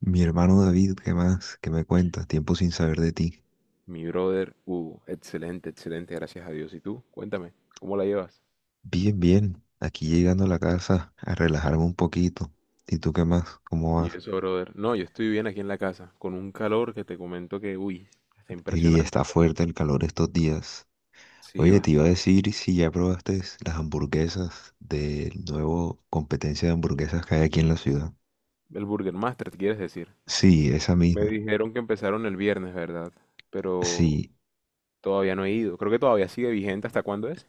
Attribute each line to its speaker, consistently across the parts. Speaker 1: Mi hermano David, ¿qué más? ¿Qué me cuentas? Tiempo sin saber de ti.
Speaker 2: Mi brother, excelente, excelente, gracias a Dios. ¿Y tú? Cuéntame, ¿cómo la llevas?
Speaker 1: Bien, bien. Aquí llegando a la casa a relajarme un poquito. ¿Y tú qué más? ¿Cómo
Speaker 2: Y
Speaker 1: vas?
Speaker 2: eso, brother. No, yo estoy bien aquí en la casa, con un calor que te comento que, uy, está
Speaker 1: Y
Speaker 2: impresionante,
Speaker 1: está
Speaker 2: pero
Speaker 1: fuerte el calor estos días.
Speaker 2: sí,
Speaker 1: Oye, te iba a
Speaker 2: bastante.
Speaker 1: decir si ya probaste las hamburguesas del nuevo competencia de hamburguesas que hay aquí en la ciudad.
Speaker 2: ¿El Burger Master, quieres decir?
Speaker 1: Sí, esa
Speaker 2: Me
Speaker 1: misma.
Speaker 2: dijeron que empezaron el viernes, ¿verdad? Pero
Speaker 1: Sí,
Speaker 2: todavía no he ido. Creo que todavía sigue vigente. ¿Hasta cuándo es?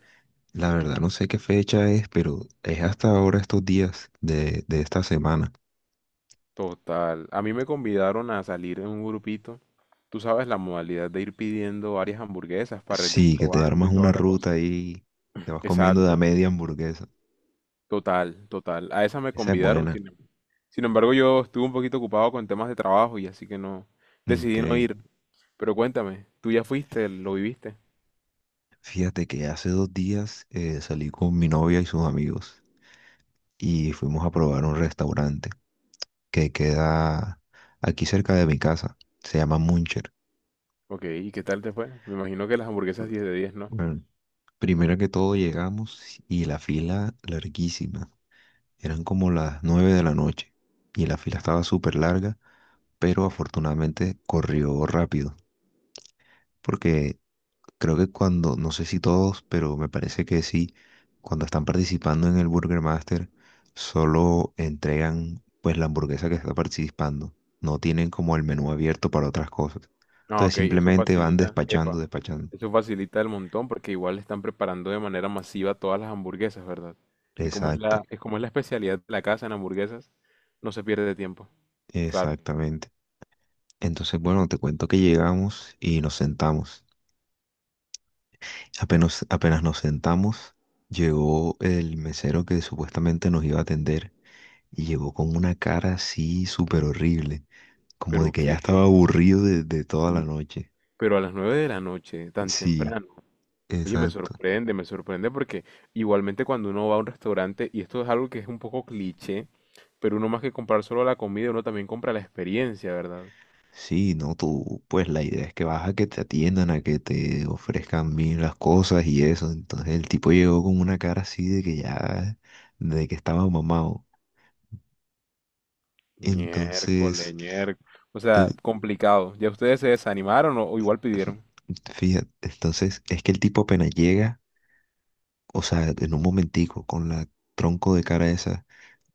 Speaker 1: la verdad no sé qué fecha es, pero es hasta ahora estos días de esta semana.
Speaker 2: Total. A mí me convidaron a salir en un grupito. Tú sabes la modalidad de ir pidiendo varias hamburguesas para irlas
Speaker 1: Sí, que te
Speaker 2: probando
Speaker 1: armas
Speaker 2: y
Speaker 1: una
Speaker 2: toda la cosa.
Speaker 1: ruta y te vas comiendo de a
Speaker 2: Exacto.
Speaker 1: media hamburguesa.
Speaker 2: Total, total. A esa me
Speaker 1: Esa es
Speaker 2: convidaron,
Speaker 1: buena.
Speaker 2: sin, sin embargo yo estuve un poquito ocupado con temas de trabajo y así que no
Speaker 1: Ok.
Speaker 2: decidí no ir. Pero cuéntame, ¿tú ya fuiste, lo viviste?
Speaker 1: Fíjate que hace 2 días salí con mi novia y sus amigos y fuimos a probar un restaurante que queda aquí cerca de mi casa. Se llama Muncher.
Speaker 2: Ok, ¿y qué tal te fue? Me imagino que las hamburguesas diez de 10, ¿no?
Speaker 1: Bueno, primero que todo llegamos y la fila larguísima. Eran como las 9 de la noche y la fila estaba súper larga, pero afortunadamente corrió rápido porque creo que cuando, no sé si todos, pero me parece que sí, cuando están participando en el Burger Master, solo entregan pues la hamburguesa que está participando. No tienen como el menú abierto para otras cosas.
Speaker 2: Ah,
Speaker 1: Entonces
Speaker 2: ok, eso
Speaker 1: simplemente van
Speaker 2: facilita,
Speaker 1: despachando,
Speaker 2: epa,
Speaker 1: despachando.
Speaker 2: eso facilita el montón porque igual están preparando de manera masiva todas las hamburguesas, ¿verdad? Y como
Speaker 1: Exacto,
Speaker 2: es como es la especialidad de la casa en hamburguesas, no se pierde de tiempo, claro.
Speaker 1: exactamente. Entonces, bueno, te cuento que llegamos y nos sentamos. Apenas nos sentamos, llegó el mesero que supuestamente nos iba a atender y llegó con una cara así súper horrible. Como de
Speaker 2: Pero
Speaker 1: que ya
Speaker 2: que,
Speaker 1: estaba aburrido de toda la noche.
Speaker 2: pero a las 9 de la noche, tan
Speaker 1: Sí,
Speaker 2: temprano. Oye,
Speaker 1: exacto.
Speaker 2: me sorprende porque igualmente cuando uno va a un restaurante, y esto es algo que es un poco cliché, pero uno más que comprar solo la comida, uno también compra la experiencia, ¿verdad?
Speaker 1: Sí, no, tú, pues la idea es que vas a que te atiendan, a que te ofrezcan bien las cosas y eso. Entonces el tipo llegó con una cara así de que ya, de que estaba mamado.
Speaker 2: Miércoles,
Speaker 1: Entonces,
Speaker 2: miércoles. O sea,
Speaker 1: el-
Speaker 2: complicado. ¿Ya ustedes se desanimaron o igual pidieron?
Speaker 1: fíjate, entonces es que el tipo apenas llega, o sea, en un momentico, con la tronco de cara esa,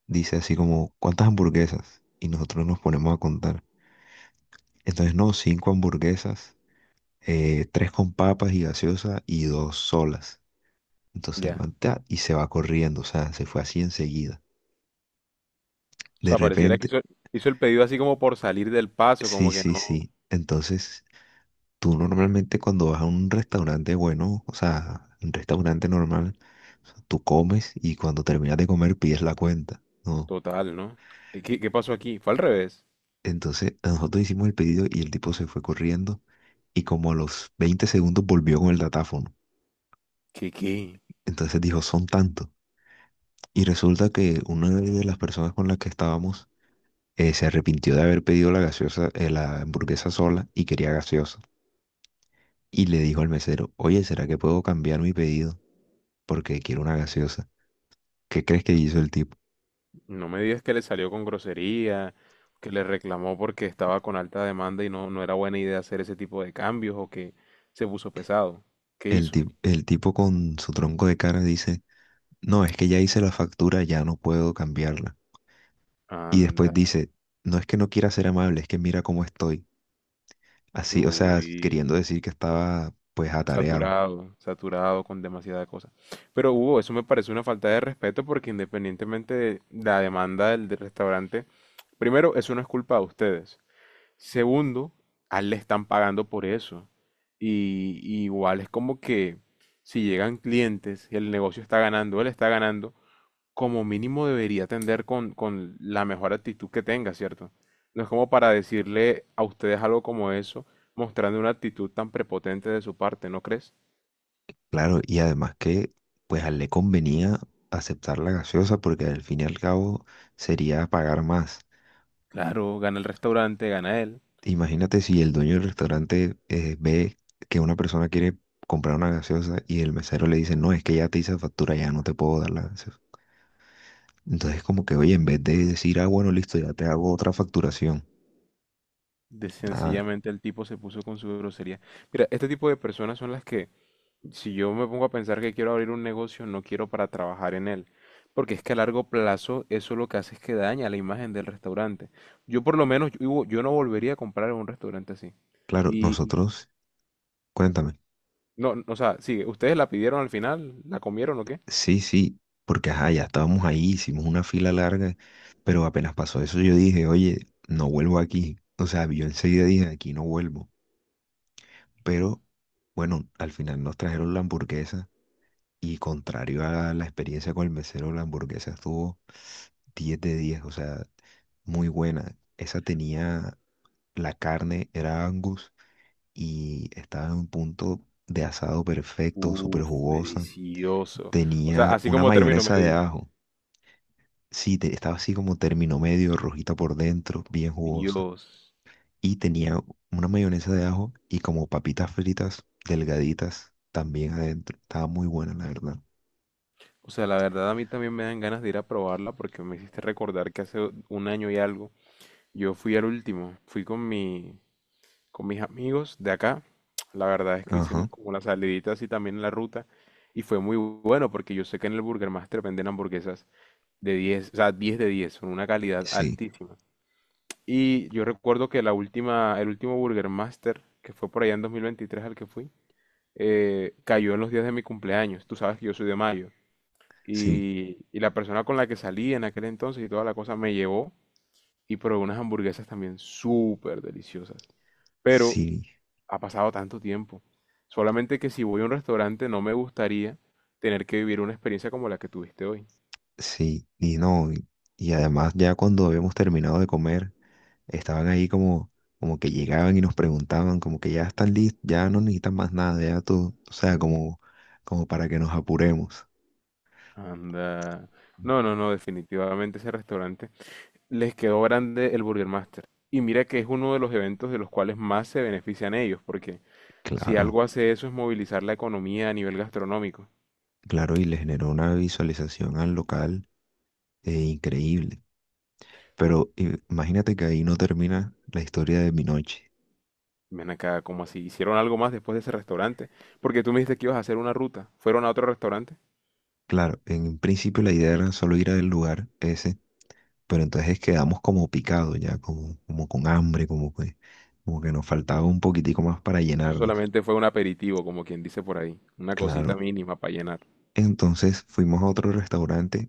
Speaker 1: dice así como, ¿cuántas hamburguesas? Y nosotros nos ponemos a contar. Entonces, no, cinco hamburguesas. Tres con papas y gaseosa y dos solas. Entonces el
Speaker 2: Ya.
Speaker 1: man ta, y se va corriendo, o sea, se fue así enseguida.
Speaker 2: O
Speaker 1: De
Speaker 2: sea,
Speaker 1: repente,
Speaker 2: hizo el pedido así como por salir del paso,
Speaker 1: sí,
Speaker 2: como que
Speaker 1: sí,
Speaker 2: no.
Speaker 1: sí. Entonces, tú normalmente cuando vas a un restaurante bueno, o sea, un restaurante normal, tú comes y cuando terminas de comer pides la cuenta, ¿no?
Speaker 2: Total, ¿no? ¿Y qué pasó aquí? Fue al revés.
Speaker 1: Entonces, nosotros hicimos el pedido y el tipo se fue corriendo y como a los 20 segundos volvió con el datáfono.
Speaker 2: ¿Qué, qué?
Speaker 1: Entonces dijo, son tantos. Y resulta que una de las personas con las que estábamos se arrepintió de haber pedido la gaseosa, la hamburguesa sola y quería gaseosa. Y le dijo al mesero, oye, ¿será que puedo cambiar mi pedido? Porque quiero una gaseosa. ¿Qué crees que hizo el tipo?
Speaker 2: No me digas que le salió con grosería, que le reclamó porque estaba con alta demanda y no, no era buena idea hacer ese tipo de cambios o que se puso pesado. ¿Qué hizo?
Speaker 1: El tipo con su tronco de cara dice, no, es que ya hice la factura, ya no puedo cambiarla. Y después
Speaker 2: Anda,
Speaker 1: dice, no es que no quiera ser amable, es que mira cómo estoy. Así, o sea,
Speaker 2: uy,
Speaker 1: queriendo decir que estaba pues atareado.
Speaker 2: saturado, saturado con demasiada cosa. Pero Hugo, eso me parece una falta de respeto porque independientemente de la demanda del restaurante, primero, eso no es culpa de ustedes. Segundo, a él le están pagando por eso. Y igual es como que si llegan clientes y el negocio está ganando, él está ganando, como mínimo debería atender con la mejor actitud que tenga, ¿cierto? No es como para decirle a ustedes algo como eso, mostrando una actitud tan prepotente de su parte, ¿no crees?
Speaker 1: Claro, y además que pues a él le convenía aceptar la gaseosa porque al fin y al cabo sería pagar más.
Speaker 2: Claro, gana el restaurante, gana él.
Speaker 1: Imagínate si el dueño del restaurante ve que una persona quiere comprar una gaseosa y el mesero le dice, no, es que ya te hice factura, ya no te puedo dar la gaseosa. Entonces como que, oye, en vez de decir, ah, bueno, listo, ya te hago otra facturación.
Speaker 2: De
Speaker 1: Nada,
Speaker 2: sencillamente el tipo se puso con su grosería. Mira, este tipo de personas son las que si yo me pongo a pensar que quiero abrir un negocio, no quiero para trabajar en él, porque es que a largo plazo eso lo que hace es que daña la imagen del restaurante. Yo por lo menos, yo no volvería a comprar en un restaurante así.
Speaker 1: claro,
Speaker 2: Y
Speaker 1: nosotros, cuéntame.
Speaker 2: no, no, o sea, sigue, ¿ustedes la pidieron al final? ¿La comieron o qué?
Speaker 1: Sí, sí, porque ajá, ya estábamos ahí, hicimos una fila larga, pero apenas pasó eso yo dije, oye, no vuelvo aquí. O sea, yo enseguida dije, aquí no vuelvo.
Speaker 2: Tú,
Speaker 1: Pero bueno, al final nos trajeron la hamburguesa y contrario a la experiencia con el mesero, la hamburguesa estuvo 10 de 10, o sea, muy buena. Esa tenía, la carne era Angus y estaba en un punto de asado perfecto, súper
Speaker 2: uf,
Speaker 1: jugosa.
Speaker 2: delicioso. O sea,
Speaker 1: Tenía
Speaker 2: así
Speaker 1: una
Speaker 2: como término
Speaker 1: mayonesa de
Speaker 2: medio.
Speaker 1: ajo. Sí, estaba así como término medio, rojita por dentro, bien jugosa.
Speaker 2: Dios.
Speaker 1: Y tenía una mayonesa de ajo y como papitas fritas delgaditas también adentro. Estaba muy buena, la verdad.
Speaker 2: O sea, la verdad a mí también me dan ganas de ir a probarla porque me hiciste recordar que hace un año y algo yo fui al último, fui con mis amigos de acá. La verdad es que
Speaker 1: Ajá,
Speaker 2: hicimos como las saliditas y también en la ruta y fue muy bueno porque yo sé que en el Burger Master venden hamburguesas de 10, o sea, 10 de 10, son una calidad
Speaker 1: sí,
Speaker 2: altísima. Y yo recuerdo que el último Burger Master, que fue por allá en 2023 al que fui, cayó en los días de mi cumpleaños. Tú sabes que yo soy de mayo.
Speaker 1: sí,
Speaker 2: Y la persona con la que salí en aquel entonces y toda la cosa me llevó y probé unas hamburguesas también súper deliciosas. Pero
Speaker 1: sí,
Speaker 2: ha pasado tanto tiempo. Solamente que si voy a un restaurante no me gustaría tener que vivir una experiencia como la que tuviste hoy.
Speaker 1: sí. Y no, y además ya cuando habíamos terminado de comer, estaban ahí como, como que llegaban y nos preguntaban, como que ya están listos, ya no necesitan más nada, ya todo, o sea, como, como para que nos apuremos.
Speaker 2: Anda. No, no, no, definitivamente ese restaurante les quedó grande el Burger Master. Y mira que es uno de los eventos de los cuales más se benefician ellos, porque si algo
Speaker 1: Claro.
Speaker 2: hace eso es movilizar la economía a nivel gastronómico.
Speaker 1: Claro, y le generó una visualización al local increíble. Pero imagínate que ahí no termina la historia de mi noche.
Speaker 2: Ven acá, ¿como así? ¿Hicieron algo más después de ese restaurante? Porque tú me dijiste que ibas a hacer una ruta. ¿Fueron a otro restaurante?
Speaker 1: Claro, en un principio la idea era solo ir al lugar ese, pero entonces quedamos como picados ya, como, como con hambre, como que nos faltaba un poquitico más para
Speaker 2: Eso
Speaker 1: llenarnos.
Speaker 2: solamente fue un aperitivo, como quien dice por ahí. Una cosita
Speaker 1: Claro.
Speaker 2: mínima para llenar.
Speaker 1: Entonces fuimos a otro restaurante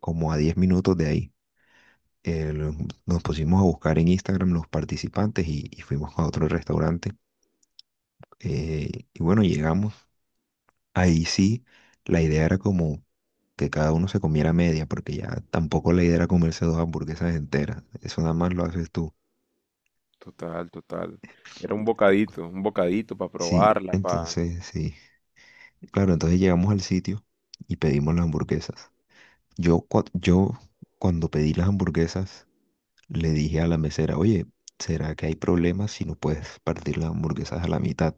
Speaker 1: como a 10 minutos de ahí. Eh, lo- Nos pusimos a buscar en Instagram los participantes y fuimos a otro restaurante. Y bueno, llegamos. Ahí sí, la idea era como que cada uno se comiera media, porque ya tampoco la idea era comerse dos hamburguesas enteras. Eso nada más lo haces tú.
Speaker 2: Total, total. Era un bocadito para
Speaker 1: Sí,
Speaker 2: probarla, pa...
Speaker 1: entonces sí. Claro, entonces llegamos al sitio y pedimos las hamburguesas. Yo cuando pedí las hamburguesas le dije a la mesera, oye, ¿será que hay problemas si no puedes partir las hamburguesas a la mitad?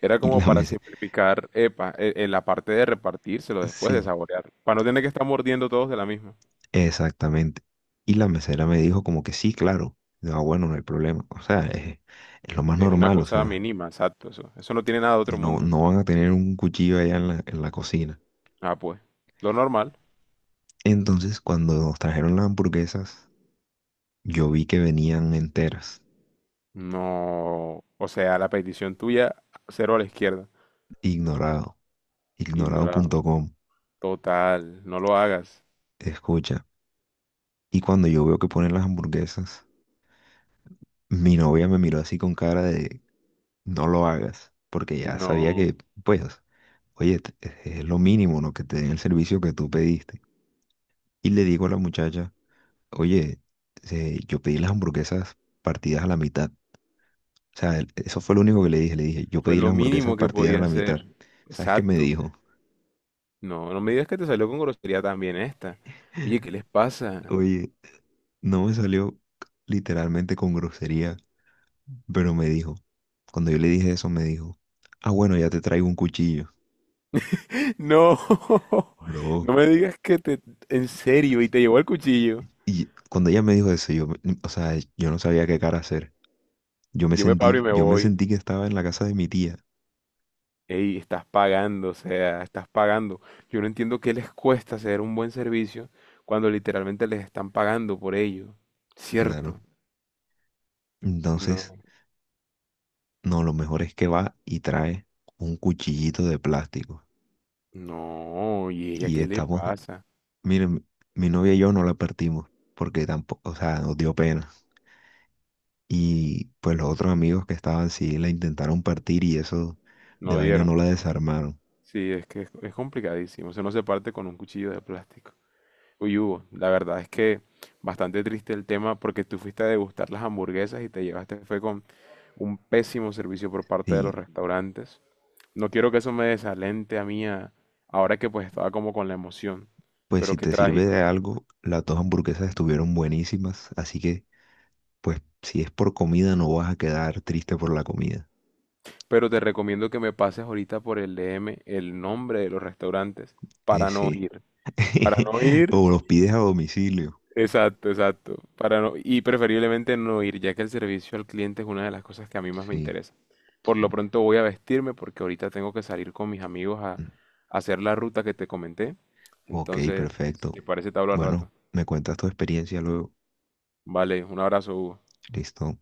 Speaker 2: Era
Speaker 1: Y
Speaker 2: como
Speaker 1: la
Speaker 2: para
Speaker 1: mesera,
Speaker 2: simplificar, epa, en la parte de repartírselo después de
Speaker 1: sí.
Speaker 2: saborear, para no tener que estar mordiendo todos de la misma.
Speaker 1: Exactamente. Y la mesera me dijo como que sí, claro. Digo, "Ah, bueno, no hay problema. O sea, es lo más
Speaker 2: Es una
Speaker 1: normal". O
Speaker 2: cosa
Speaker 1: sea,
Speaker 2: mínima, exacto, eso. Eso no tiene nada de otro
Speaker 1: no,
Speaker 2: mundo.
Speaker 1: no van a tener un cuchillo allá en la cocina.
Speaker 2: Ah, pues, lo normal.
Speaker 1: Entonces, cuando nos trajeron las hamburguesas, yo vi que venían enteras.
Speaker 2: No, o sea, la petición tuya, cero a la izquierda.
Speaker 1: Ignorado. Ignorado punto
Speaker 2: Ignorado.
Speaker 1: com.
Speaker 2: Total, no lo hagas.
Speaker 1: Escucha. Y cuando yo veo que ponen las hamburguesas, mi novia me miró así con cara de no lo hagas. Porque ya sabía
Speaker 2: No,
Speaker 1: que, pues, oye, es lo mínimo, ¿no? Que te den el servicio que tú pediste. Y le digo a la muchacha, oye, yo pedí las hamburguesas partidas a la mitad. O sea, eso fue lo único que le dije. Le dije, yo
Speaker 2: fue
Speaker 1: pedí las
Speaker 2: lo
Speaker 1: hamburguesas
Speaker 2: mínimo que
Speaker 1: partidas a
Speaker 2: podía
Speaker 1: la mitad.
Speaker 2: hacer.
Speaker 1: ¿Sabes qué me
Speaker 2: Exacto.
Speaker 1: dijo?
Speaker 2: No, no me digas que te salió con grosería también esta. Oye, ¿qué les pasa?
Speaker 1: Oye, no me salió literalmente con grosería, pero me dijo, cuando yo le dije eso, me dijo, ah, bueno, ya te traigo un cuchillo,
Speaker 2: No,
Speaker 1: bro.
Speaker 2: no me digas que te... En serio, y te llevó el cuchillo.
Speaker 1: Y cuando ella me dijo eso, yo, o sea, yo no sabía qué cara hacer.
Speaker 2: Yo me paro y me
Speaker 1: Yo me
Speaker 2: voy.
Speaker 1: sentí que estaba en la casa de mi tía,
Speaker 2: Ey, estás pagando, o sea, estás pagando. Yo no entiendo qué les cuesta hacer un buen servicio cuando literalmente les están pagando por ello.
Speaker 1: claro.
Speaker 2: ¿Cierto?
Speaker 1: Entonces...
Speaker 2: No,
Speaker 1: No, lo mejor es que va y trae un cuchillito de plástico.
Speaker 2: no, ¿y ella
Speaker 1: Y
Speaker 2: qué le
Speaker 1: estamos,
Speaker 2: pasa?
Speaker 1: miren, mi novia y yo no la partimos porque tampoco, o sea, nos dio pena. Y pues los otros amigos que estaban sí la intentaron partir y eso de
Speaker 2: No
Speaker 1: vaina no
Speaker 2: vieron.
Speaker 1: la desarmaron.
Speaker 2: Sí, es complicadísimo. O sea, no se parte con un cuchillo de plástico. Uy, Hugo, la verdad es que bastante triste el tema porque tú fuiste a degustar las hamburguesas y te llevaste, fue con un pésimo servicio por parte de los
Speaker 1: Y
Speaker 2: restaurantes. No quiero que eso me desalente a mí ahora que pues estaba como con la emoción,
Speaker 1: pues si
Speaker 2: pero qué
Speaker 1: te sirve
Speaker 2: trágico.
Speaker 1: de algo, las dos hamburguesas estuvieron buenísimas. Así que pues si es por comida no vas a quedar triste por la comida.
Speaker 2: Pero te recomiendo que me pases ahorita por el DM el nombre de los restaurantes para no
Speaker 1: Sí.
Speaker 2: ir. Para no ir.
Speaker 1: O los pides a domicilio.
Speaker 2: Exacto, exacto. Para no, y preferiblemente no ir, ya que el servicio al cliente es una de las cosas que a mí más me
Speaker 1: Sí,
Speaker 2: interesa. Por lo
Speaker 1: sí.
Speaker 2: pronto voy a vestirme porque ahorita tengo que salir con mis amigos a hacer la ruta que te comenté.
Speaker 1: Ok,
Speaker 2: Entonces, si
Speaker 1: perfecto.
Speaker 2: te parece, te hablo al
Speaker 1: Bueno,
Speaker 2: rato.
Speaker 1: me cuentas tu experiencia luego.
Speaker 2: Vale, un abrazo, Hugo.
Speaker 1: Listo.